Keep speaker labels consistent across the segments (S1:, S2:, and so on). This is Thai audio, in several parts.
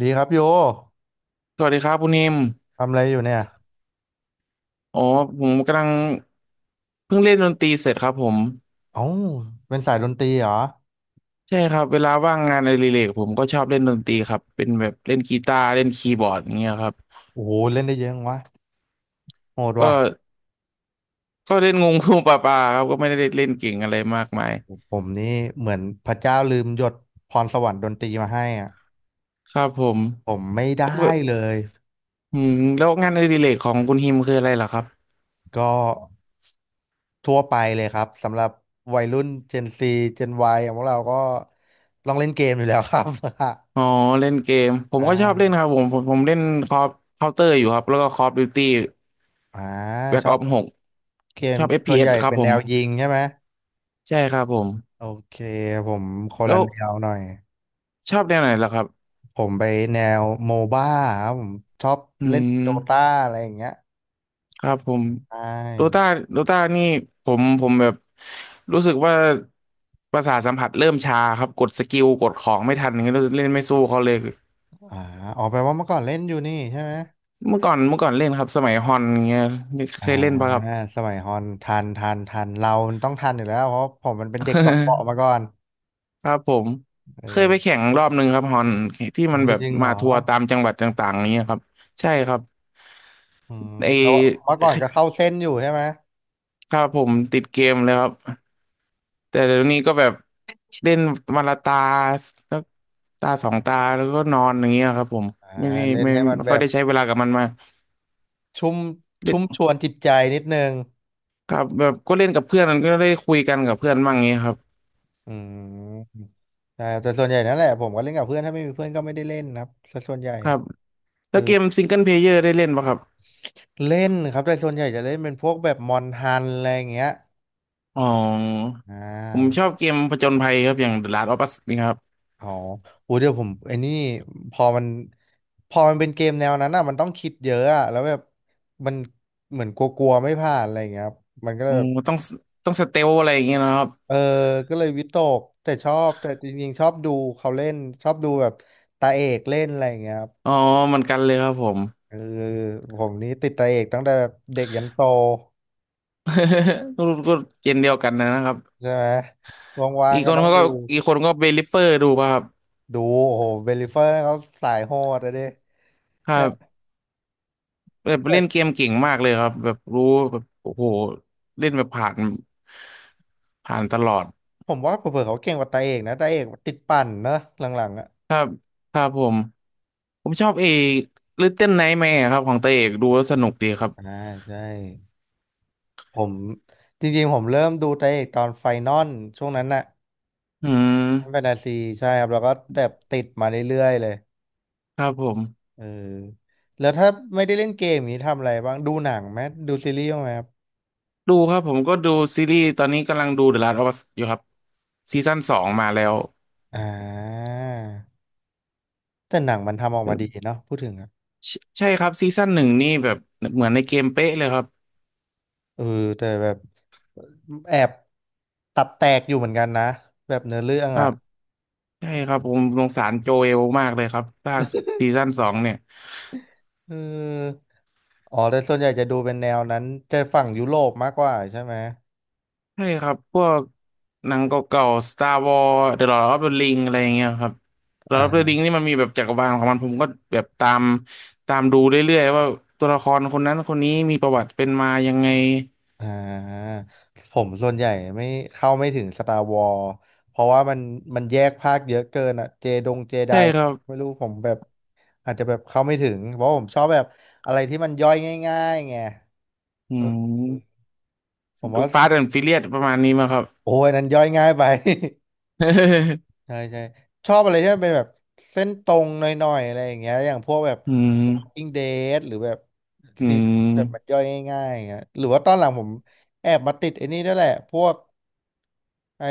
S1: ดีครับโย
S2: สวัสดีครับคุณนิม
S1: ทำอะไรอยู่เนี่ย
S2: อ๋อผมกำลังเพิ่งเล่นดนตรีเสร็จครับผม
S1: เอ้าเป็นสายดนตรีเหรอ
S2: ใช่ครับเวลาว่างงานอดิเรกผมก็ชอบเล่นดนตรีครับเป็นแบบเล่นกีตาร์เล่นคีย์บอร์ดอย่างเงี้ยครับ
S1: โอ้โหเล่นได้เยอะจังวะโหดว่ะ
S2: ก็ก็เล่นงงงูปลาปลาครับก็ไม่ได้เล่นเก่งอะไรมากมาย
S1: ผมนี่เหมือนพระเจ้าลืมหยดพรสวรรค์ดนตรีมาให้อ่ะ
S2: ครับผม
S1: ผมไม่ได้
S2: แล้ว
S1: เลย
S2: อืมแล้วงานอดิเรกของคุณฮิมคืออะไรเหรอครับ
S1: ก็ทั่วไปเลยครับสำหรับวัยรุ่น Gen Z Gen Y อย่างพวกเราก็ต้องเล่นเกมอยู่แล้วครับ
S2: อ๋อ เล่นเกมผ
S1: อ
S2: มก็ชอบเล่
S1: ่า
S2: นครับผมเล่นคอเคาน์เตอร์อยู่ครับแล้วก็คอฟดิวตี้
S1: อ่า
S2: แบ็
S1: ช
S2: ก
S1: อ
S2: อ
S1: บ
S2: อฟหก
S1: เกม
S2: ชอบเอฟ
S1: ส่
S2: พี
S1: วน
S2: เอ
S1: ให
S2: ส
S1: ญ่
S2: ครับ
S1: เป็น
S2: ผ
S1: แน
S2: ม
S1: วยิงใช่ไหม
S2: ใช่ครับผม
S1: โอเคผมคน
S2: แล้
S1: ละ
S2: ว
S1: แนวหน่อย
S2: ชอบแนวไหนล่ะครับ
S1: ผมไปแนวโมบ้าครับผมชอบ
S2: อื
S1: เล่น
S2: ม
S1: โดตาอะไรอย่างเงี้ย
S2: ครับผม
S1: ใช
S2: โด
S1: ่
S2: ต้าโดต้านี่ผมแบบรู้สึกว่าประสาทสัมผัสเริ่มชาครับกดสกิลกดของไม่ทันอย่างเงี้ยรู้สึกเล่นไม่สู้เขาเลย
S1: อ่าออกไปลว่าเมื่อก่อนเล่นอยู่นี่ใช่ไหม
S2: เมื่อก่อนเล่นครับสมัยฮอนอย่างเงี้ย
S1: อ่า
S2: เคยเล่นปะครับ
S1: สมัยฮอนทันทันทันเรามันต้องทันอยู่แล้วเพราะผมมันเป็นเด็กเกาะเปาะมาก่ อน
S2: ครับผมเคยไป
S1: เอ
S2: แข่
S1: อ
S2: งรอบหนึ่งครับฮอนที่มั
S1: โอ้
S2: น
S1: ย
S2: แบบ
S1: จริงเหร
S2: มา
S1: อ
S2: ทัวร์ตามจังหวัดต่างๆอย่างเงี้ยครับใช่ครับ
S1: อืม
S2: ไ
S1: แล้ว
S2: อ
S1: เมื่อก่อนก็เข้าเส้นอยู่ใช่ไหม
S2: ครับผมติดเกมเลยครับ แต่เดี๋ยวนี้ก็แบบเล่นมันละตาสักตาสองตาแล้วก็นอนอย่างเงี้ยครับผม
S1: อ่า
S2: ไม่ได้
S1: เล่น
S2: ไม่
S1: ให้มัน
S2: ไม่
S1: แบ
S2: ค่อย
S1: บ
S2: ได้ใช้เวลากับมันมา
S1: ชุ่ม
S2: เล่
S1: ชุ่
S2: น
S1: มชวนจิตใจนิดนึง
S2: ครับแบบก็เล่นกับเพื่อนมันก็ได้คุยกันกับเพื่อนบ้างเงี้ยครับ
S1: อืมใช่แต่ส่วนใหญ่นั่นแหละผมก็เล่นกับเพื่อนถ้าไม่มีเพื่อนก็ไม่ได้เล่นนะครับสส่วนใหญ่
S2: ครับ
S1: เอ
S2: แล้
S1: อ
S2: วเกมซิงเกิลเพลเยอร์ได้เล่นปะครับ
S1: เล่นครับแต่ส่วนใหญ่จะเล่นเป็นพวกแบบมอนฮันอะไรอย่างเงี้ย
S2: อ๋อ
S1: อ่
S2: ผมช
S1: า
S2: อบเกมผจญภัยครับอย่าง The Last of Us นี่ครับ
S1: อ๋ออู้เดี๋ยวผมไอ้นี่พอมันพอมันเป็นเกมแนวนั้นอ่ะมันต้องคิดเยอะอ่ะแล้วแบบมันเหมือนกลัวๆไม่ผ่านอะไรอย่างเงี้ยครับมันก็เล
S2: อ๋อ
S1: ยแบบ
S2: ต้องต้องสเตลอะไรอย่างเงี้ยนะครับ
S1: เออก็เลยวิตกแต่ชอบแต่จริงๆชอบดูเขาเล่นชอบดูแบบตาเอกเล่นอะไรอย่างเงี้ยครับ
S2: อ๋อเหมือนกันเลยครับผม
S1: เออผมนี่ติดตาเอกตั้งแต่แบบเด็กยันโต
S2: ก็ก็เกมเดียวกันนะครับ
S1: ใช่ไหมว่าง
S2: อีก
S1: ๆก็
S2: คน
S1: ต้อง
S2: เขาก็อีกคนก็เบลิเฟอร์ดูป่ะครับ
S1: ดูโอ้โหเบลลิเฟอร์เขาสายโหดอะดิ
S2: ครับ แบบ
S1: แต่
S2: เล่นเกมเก่งมากเลยครับแบบรู้แบบโอ้โหเล่นแบบผ่านผ่านตลอด
S1: ผมว่าเผื่อๆเขาเก่งกว่าตาเอกนะตาเอกติดปั่นเนอะหลังๆอ่ะ
S2: ครับผมชอบเอลิตเติ้ลไนท์แมร์ครับของตาเอกดูแล้วสนุกดีครับ
S1: อ่าใช่ผมจริงๆผมเริ่มดูไตาเอกตอนไฟนอลช่วงนั้นน่ะ
S2: อื
S1: แฟ
S2: ม
S1: นตาซีใช่ครับแล้วก็แบบติดมาเรื่อยๆเลย
S2: ครับผม
S1: เออแล้วถ้าไม่ได้เล่นเกมนี้ทำอะไรบ้างดูหนังไหมดูซีรีส์บ้างไหมครับ
S2: ดูครับผมก็ดูซีรีส์ตอนนี้กำลังดู The Last of Us อยู่ครับซีซั่น2มาแล้ว
S1: อ่าแต่หนังมันทำออกมาดีเนาะพูดถึงอะ
S2: ใช่ใช่ครับซีซั่นหนึ่งนี่แบบเหมือนในเกมเป๊ะเลยครับ
S1: เออแต่แบบแอบตับแตกอยู่เหมือนกันนะแบบเนื้อเรื่อง
S2: ครั
S1: อ่ะ
S2: บใช่ครับผมสงสารโจเอลมากเลยครับถ้าซีซั่นสองเนี่ย
S1: เอออ๋อ แต่ส่วนใหญ่จะดูเป็นแนวนั้นจะฝั่งยุโรปมากกว่าใช่ไหม
S2: ใช่ครับพวกหนังเก่าๆ Star Wars The Lord of the Ring อะไรอย่างเงี้ยครับ The Lord of the
S1: อ่า
S2: Ring นี่มันมีแบบจักรวาลของมันผมก็แบบตามดูเรื่อยๆว่าตัวละครคนนั้นคนนี้มีประวัติเป็นมายังไง
S1: อ่าผมส่วนใหญ่ไม่เข้าไม่ถึง Star Wars เพราะว่ามันแยกภาคเยอะเกินอ่ะเจดงเจได
S2: ใช่ครับ
S1: ไม่รู้ผมแบบอาจจะแบบเข้าไม่ถึงเพราะผมชอบแบบอะไรที่มันย่อยง่ายๆไง
S2: อื
S1: เออ
S2: ม
S1: ผมว่า
S2: ฟาสต์แอนด์ฟิเลียสประมาณนี้มั้งครับ
S1: โอ้ยนั้นย่อยง่ายไป ใช่ใช่ชอบอะไรที่มันเป็นแบบเส้นตรงหน่อยๆอะไรอย่างเงี้ยอย่างพวกแบบ
S2: อืม
S1: Walking Dead หรือแบบ
S2: อื
S1: ซีรีส์แบบมัน
S2: ม
S1: ย่อยง่ายๆอย่างเงี้ยหรือว่าตอนหลังผมแอบมาติดไอ้นี่ด้วยแหละพวกไอ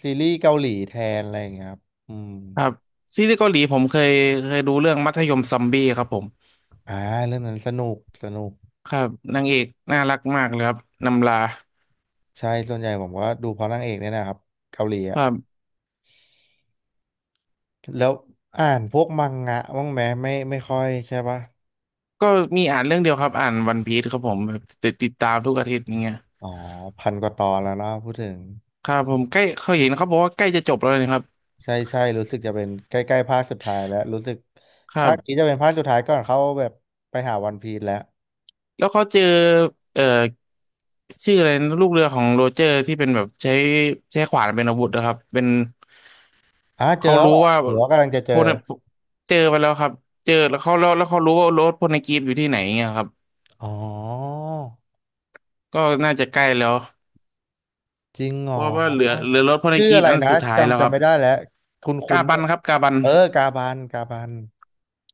S1: ซีรีส์เกาหลีแทนอะไรอย่างเงี้ยครับอืม
S2: ครับซีรีส์เกาหลีผมเคยเคยดูเรื่องมัธยมซอมบี้ครับผม
S1: อ่าเรื่องนั้นสนุก
S2: ครับนางเอกน่ารักมากเลยครับนำลา
S1: ใช่ส่วนใหญ่ผมก็ดูเพราะนางเอกเนี่ยนะครับเกาหลี
S2: ค
S1: อะ
S2: รับ
S1: แล้วอ่านพวกมังงะบ้างไหมไม่ไม่ค่อยใช่ปะ
S2: ก็มีอ่านเรื่องเดียวครับอ่านวันพีซครับผมแบบติดติดตามทุกอาทิตย์อย่างเงี้ย
S1: อ๋อพันกว่าตอนแล้วเนอะพูดถึง
S2: ครับผมใกล้เขาเห็นเขาบอกว่าใกล้จะจบแล้วนะครับ
S1: ใช่ใช่รู้สึกจะเป็นใกล้ๆภาคสุดท้ายแล้วรู้สึก
S2: ครั
S1: ภาคนี้
S2: บ
S1: จะเป็นภาคสุดท้ายก่อนเขาแบบไปหาวันพีซแล้ว
S2: แล้วเขาเจอเอ่อชื่ออะไรนะลูกเรือของโรเจอร์ที่เป็นแบบใช้ใช้ขวานเป็นอาวุธนะครับเป็น
S1: อ่ะเจอ
S2: เขา
S1: แล้ว
S2: รู้
S1: เหรอ
S2: ว่า
S1: หรือว่ากำลังจะเจ
S2: พ
S1: อ
S2: วกนั้นเจอไปแล้วครับเจอแล้วเขาแล้วแล้วเขารู้ว่ารถพวกในกรีฟอยู่ที่ไหนเงี้ยครับ
S1: อ๋อ
S2: ก็น่าจะใกล้แล้ว
S1: จริงเหร
S2: เพ
S1: อ
S2: ราะว่าเหลือเหลือรถพวกใน
S1: ชื่อ
S2: กรี
S1: อะ
S2: ฟ
S1: ไร
S2: อัน
S1: นะ
S2: สุดท้ายแล้วค
S1: จำ
S2: รับ
S1: ไม่ได้แล้วคุ
S2: กา
S1: ณ
S2: บันครับกาบัน
S1: เออกาบัน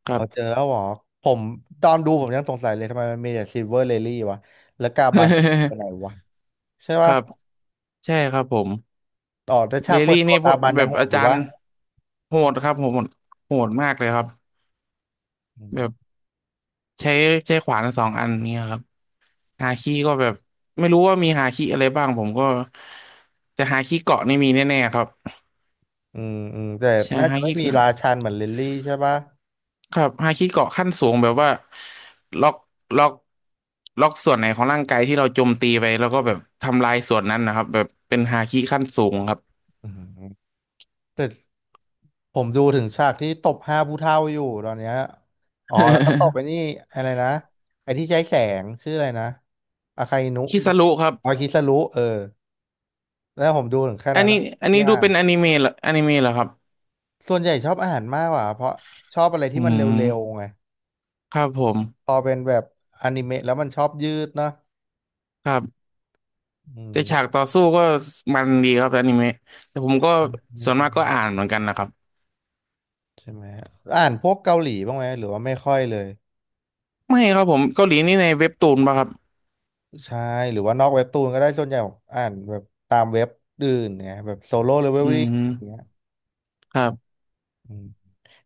S2: ครั
S1: เขาเจอ
S2: บ
S1: แล้วเหรอผมตอนดูผมยังสงสัยเลยทำไมมันมีแต่ซิลเวอร์เลลี่วะแล้วกาบันไปไหนวะใช่
S2: ค
S1: ปะ
S2: รับใช่ครับผม
S1: ต่อแต่ฉา
S2: เร
S1: ก
S2: ล
S1: เปิด
S2: ลี่
S1: ตัว
S2: นี่พ
S1: กา
S2: วก
S1: บัน
S2: แบ
S1: ยัง
S2: บ
S1: โหด
S2: อา
S1: อยู่
S2: จาร
S1: ปะ
S2: ย์โหดครับโหดโหดมากเลยครับแบบใช้ใช้ขวานสองอันเนี่ยครับหาคีก็แบบไม่รู้ว่ามีหาคีอะไรบ้างผมก็จะหาคีเกาะนี่มีแน่ๆครับ
S1: อืมแต่
S2: ใช่
S1: น่า
S2: ฮา
S1: จะไม่
S2: คิ
S1: มีราชันเหมือนลิลลี่ใช่ปะ
S2: ครับฮาคิเกาะขั้นสูงแบบว่าล็อกล็อกล็อกส่วนไหนของร่างกายที่เราโจมตีไปแล้วก็แบบทำลายส่วนนั้นนะครับแบบเป็นฮาคิขั้นสูงครับ
S1: อืมแต่ผมดูถึงฉากที่ตบห้าผู้เฒ่าอยู่ตอนเนี้ยอ๋อแล้วก็ตบไปนี่ อะไรนะไอ้ที่ใช้แสงชื่ออะไรนะอาคาอินุ
S2: คิซารุครับ
S1: อาคิสรุเออแล้วผมดูถึงแค่
S2: อัน
S1: นั้น
S2: นี้
S1: นะ
S2: อัน
S1: ที่
S2: นี้ดู
S1: อ่าน
S2: เป็น
S1: อะ
S2: อนิเมะเหรออนิเมะเหรอครับ
S1: ส่วนใหญ่ชอบอาหารมากกว่าเพราะชอบอะไร
S2: อื
S1: ที่มันเร็วๆ
S2: ม
S1: ไง
S2: ครับผ
S1: พ
S2: ม
S1: อเป็นแบบอนิเมะแล้วมันชอบยืดเนาะ
S2: ครับ
S1: อืม
S2: แต่
S1: ก็
S2: ฉาก
S1: จะ
S2: ต่อสู้ก็มันดีครับอนิเมะแต่ผมก็
S1: ไม่
S2: ส่วน
S1: ซ้
S2: มากก็อ่านเหมือนกันนะครับ
S1: ำใช่ไหมอ่านพวกเกาหลีบ้างไหมหรือว่าไม่ค่อยเลย
S2: ไม่ครับผมเกาหลีนี่ในเว็บตูนป่ะครับ
S1: ใช่หรือว่านอกเว็บตูนก็ได้ส่วนใหญ่ผมอ่านแบบตามเว็บอื่นเนี่ยแบบโซโล่เลเวล
S2: อื
S1: ลิ่งอย่าง
S2: ม
S1: เงี้ย
S2: ครับ
S1: อืม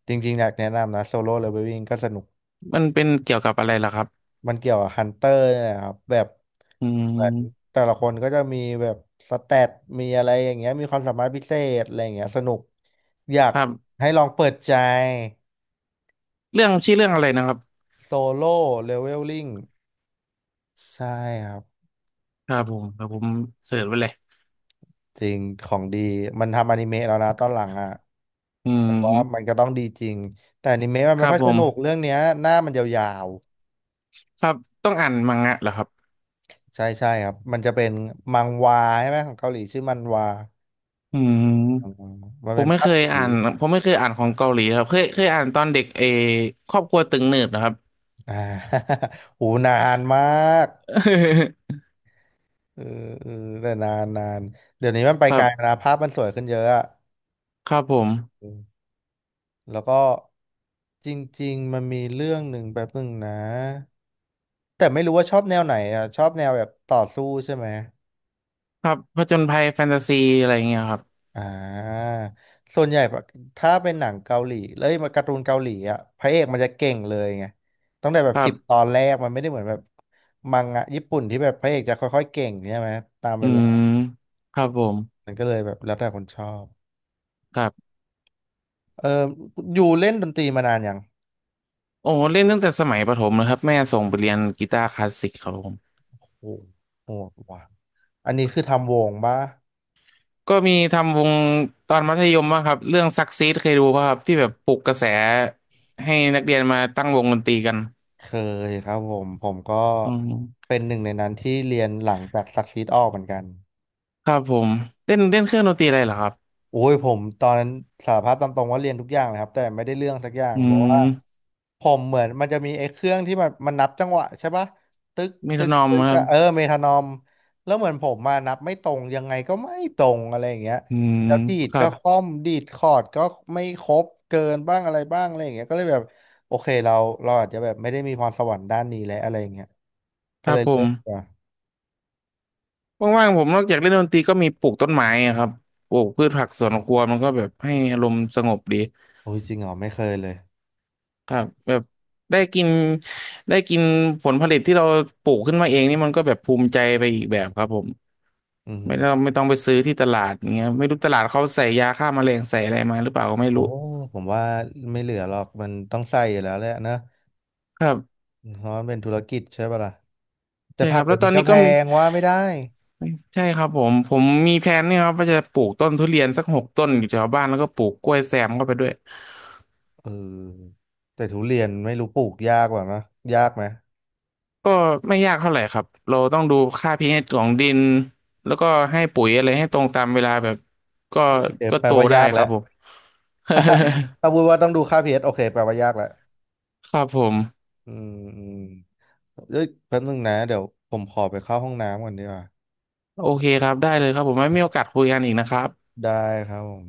S1: จริงๆอยากแนะนำนะโซโล่เลเวลลิ่งก็สนุก
S2: มันเป็นเกี่ยวกับอะไรล่ะครับ
S1: มันเกี่ยวกับฮันเตอร์เนี่ยแหละครับแบบ
S2: อื
S1: เหมือน
S2: ม
S1: แต่ละคนก็จะมีแบบสแตทมีอะไรอย่างเงี้ยมีความสามารถพิเศษอะไรอย่างเงี้ยสนุกอยาก
S2: ครับ
S1: ให้ลองเปิดใจ
S2: เรื่องชื่อเรื่องอะไรนะครับ
S1: โซโล่เลเวลลิ่งใช่ครับ
S2: ครับผมครับผมเสิร์ชไว้เลย
S1: จริงของดีมันทำอนิเมะแล้วนะตอนหลังอ่ะ
S2: อื
S1: แต่ว่ามัน
S2: ม
S1: ก็ต้องดีจริงแต่อนิเมะมัน
S2: ค
S1: ไม่
S2: รับ
S1: ค่อย
S2: ผ
S1: ส
S2: ม
S1: นุกเรื่องเนี้ยหน้ามันยาว
S2: ครับต้องอ่านมังงะเหรอครับ
S1: ๆใช่ใช่ครับมันจะเป็นมังวาใช่ไหมของเกาหลีชื่อมันวา
S2: อื
S1: อื
S2: ม
S1: มมัน
S2: ผ
S1: เป็
S2: ม
S1: น
S2: ไม่
S1: ภา
S2: เค
S1: พ
S2: ย
S1: สี
S2: อ่านผมไม่เคยอ่านของเกาหลีครับเคยอ่านตอนเด็กเออครอบครัวตึงหนืดนะครับ
S1: อ่า หูนานมาก เออเออแต่นานนานเดี๋ยวนี้มันไป
S2: ครั
S1: ไกลแล้ว
S2: บ
S1: นะภาพมันสวยขึ้นเยอะอะ
S2: ครับผม
S1: อืมแล้วก็จริงๆมันมีเรื่องหนึ่งแบบนึงนะแต่ไม่รู้ว่าชอบแนวไหนอ่ะชอบแนวแบบต่อสู้ใช่ไหม
S2: ครับผจญภัยแฟนตาซีอะไรอย่างเงี้ยครับ
S1: อ่าส่วนใหญ่ปะถ้าเป็นหนังเกาหลีแล้วมาการ์ตูนเกาหลีอ่ะพระเอกมันจะเก่งเลยไงตั้งแต่แบ
S2: ค
S1: บ
S2: รั
S1: สิบตอ
S2: บ
S1: นแรกมันไม่ได้เหมือนแบบมังงะญี่ปุ่นที่แบบพระเอกจะค่อยๆเก่งใช่ไหมตาม
S2: อื
S1: เวลา
S2: มครับผม
S1: มันก็เลยแบบแล้วแต่คนชอบ
S2: ครับ
S1: เอออยู่เล่นดนตรีมานานยัง
S2: โอ้โห เล่นตั้งแต่สมัยประถมเลยครับแม่ส่งไปเรียนกีตาร์คลาสสิกครับผม
S1: โอ้โหว่ะอันนี้คือทำวงปะ
S2: ก็มีทำวงตอนมัธยมบ้างครับ เรื่องซักซีดเคยดูป่ะครับที่แบบปลุกกระแสให้นักเรียนมาตั้งวงดนตรีกัน
S1: เคยครับผมผมก็
S2: อืม
S1: เป็นหนึ่งในนั้นที่เรียนหลังจากซักซีดออกเหมือนกัน
S2: ครับผม เล่นเล่นเครื่องดนตรีอะไรเหรอครับ
S1: โอ้ยผมตอนนั้นสารภาพตามตรงว่าเรียนทุกอย่างเลยครับแต่ไม่ได้เรื่องสักอย่าง
S2: อื
S1: เพราะว่า
S2: ม
S1: ผมเหมือนมันจะมีไอ้เครื่องที่มันนับจังหวะใช่ปะตึก
S2: มี
S1: ตึ
S2: ท
S1: ก
S2: นอม
S1: ตึก
S2: ครับ
S1: อะเออเมทานอมแล้วเหมือนผมมานับไม่ตรงยังไงก็ไม่ตรงอะไรอย่างเงี้ย
S2: อืม
S1: แล้วดีด
S2: ครั
S1: ก็
S2: บ
S1: ค่อมดีดคอร์ดก็ไม่ครบเกินบ้างอะไรบ้างอะไรอย่างเงี้ยก็เลยแบบโอเคเราอาจจะแบบไม่ได้มีพรสวรรค์ด้านนี้และอะไรอย่างเงี้ย
S2: ค
S1: ก็
S2: รั
S1: เล
S2: บ
S1: ย
S2: ผ
S1: เลิ
S2: ม
S1: กดีกว่า
S2: ว่างๆผมนอกจากเล่นดนตรีก็มีปลูกต้นไม้อะครับปลูกพืชผักสวนครัวมันก็แบบให้อารมณ์สงบดี
S1: โอ้ยจริงเหรอไม่เคยเลย
S2: ครับแบบได้กินได้กินผลผลิตที่เราปลูกขึ้นมาเองนี่มันก็แบบภูมิใจไปอีกแบบครับผม
S1: อื
S2: ไม่ต้อง
S1: ม
S2: ไม่ต้องไปซื้อที่ตลาดอย่างเงี้ยไม่รู้ตลาดเขาใส่ยาฆ่าแมลงใส่อะไรมาหรือเปล่าก็ไม่
S1: โอ้
S2: รู้
S1: ผมว่าไม่เหลือหรอกมันต้องใส่อยู่แล้วแหละนะ
S2: ครับ
S1: เพราะมันเป็นธุรกิจใช่ป่ะล่ะแต่
S2: ใช่
S1: ผั
S2: ค
S1: ก
S2: รับ
S1: เดี๋
S2: แล้
S1: ย
S2: ว
S1: ว
S2: ตอ
S1: นี้
S2: น
S1: ก็
S2: นี้
S1: แพ
S2: ก็มี
S1: งว่าไม่ได้
S2: ใช่ครับผมมีแผนเนี่ยครับว่าจะปลูกต้นทุเรียนสักหกต้นอยู่แถวบ้านแล้วก็ปลูกกล้วยแซมเข้าไปด้วย
S1: เออแต่ทุเรียนไม่รู้ปลูกยากกว่านะยากไหม
S2: ก็ไม่ยากเท่าไหร่ครับ เราต้องดูค่า pH ของดินแล้วก็ให้ปุ๋ยอะไรให้ตรงตามเวลาแบบก็
S1: เดี๋ยว
S2: ก็
S1: แปล
S2: โต
S1: ว่า
S2: ได้
S1: ยาก
S2: ครั
S1: แล้
S2: บ
S1: ว
S2: ผม
S1: ถ้าพูดว่าต้องดูค่า pH โอเคแปลว่ายากแล้ว
S2: ครับผม
S1: อืมอืมเอ้ยแป๊บนึงนะเดี๋ยวผมขอไปเข้าห้องน้ำก่อนดีกว่า
S2: โอเคครับได้เลยครับผมไว้มีโอกาสคุยกันอีกนะครับ
S1: ได้ครับผม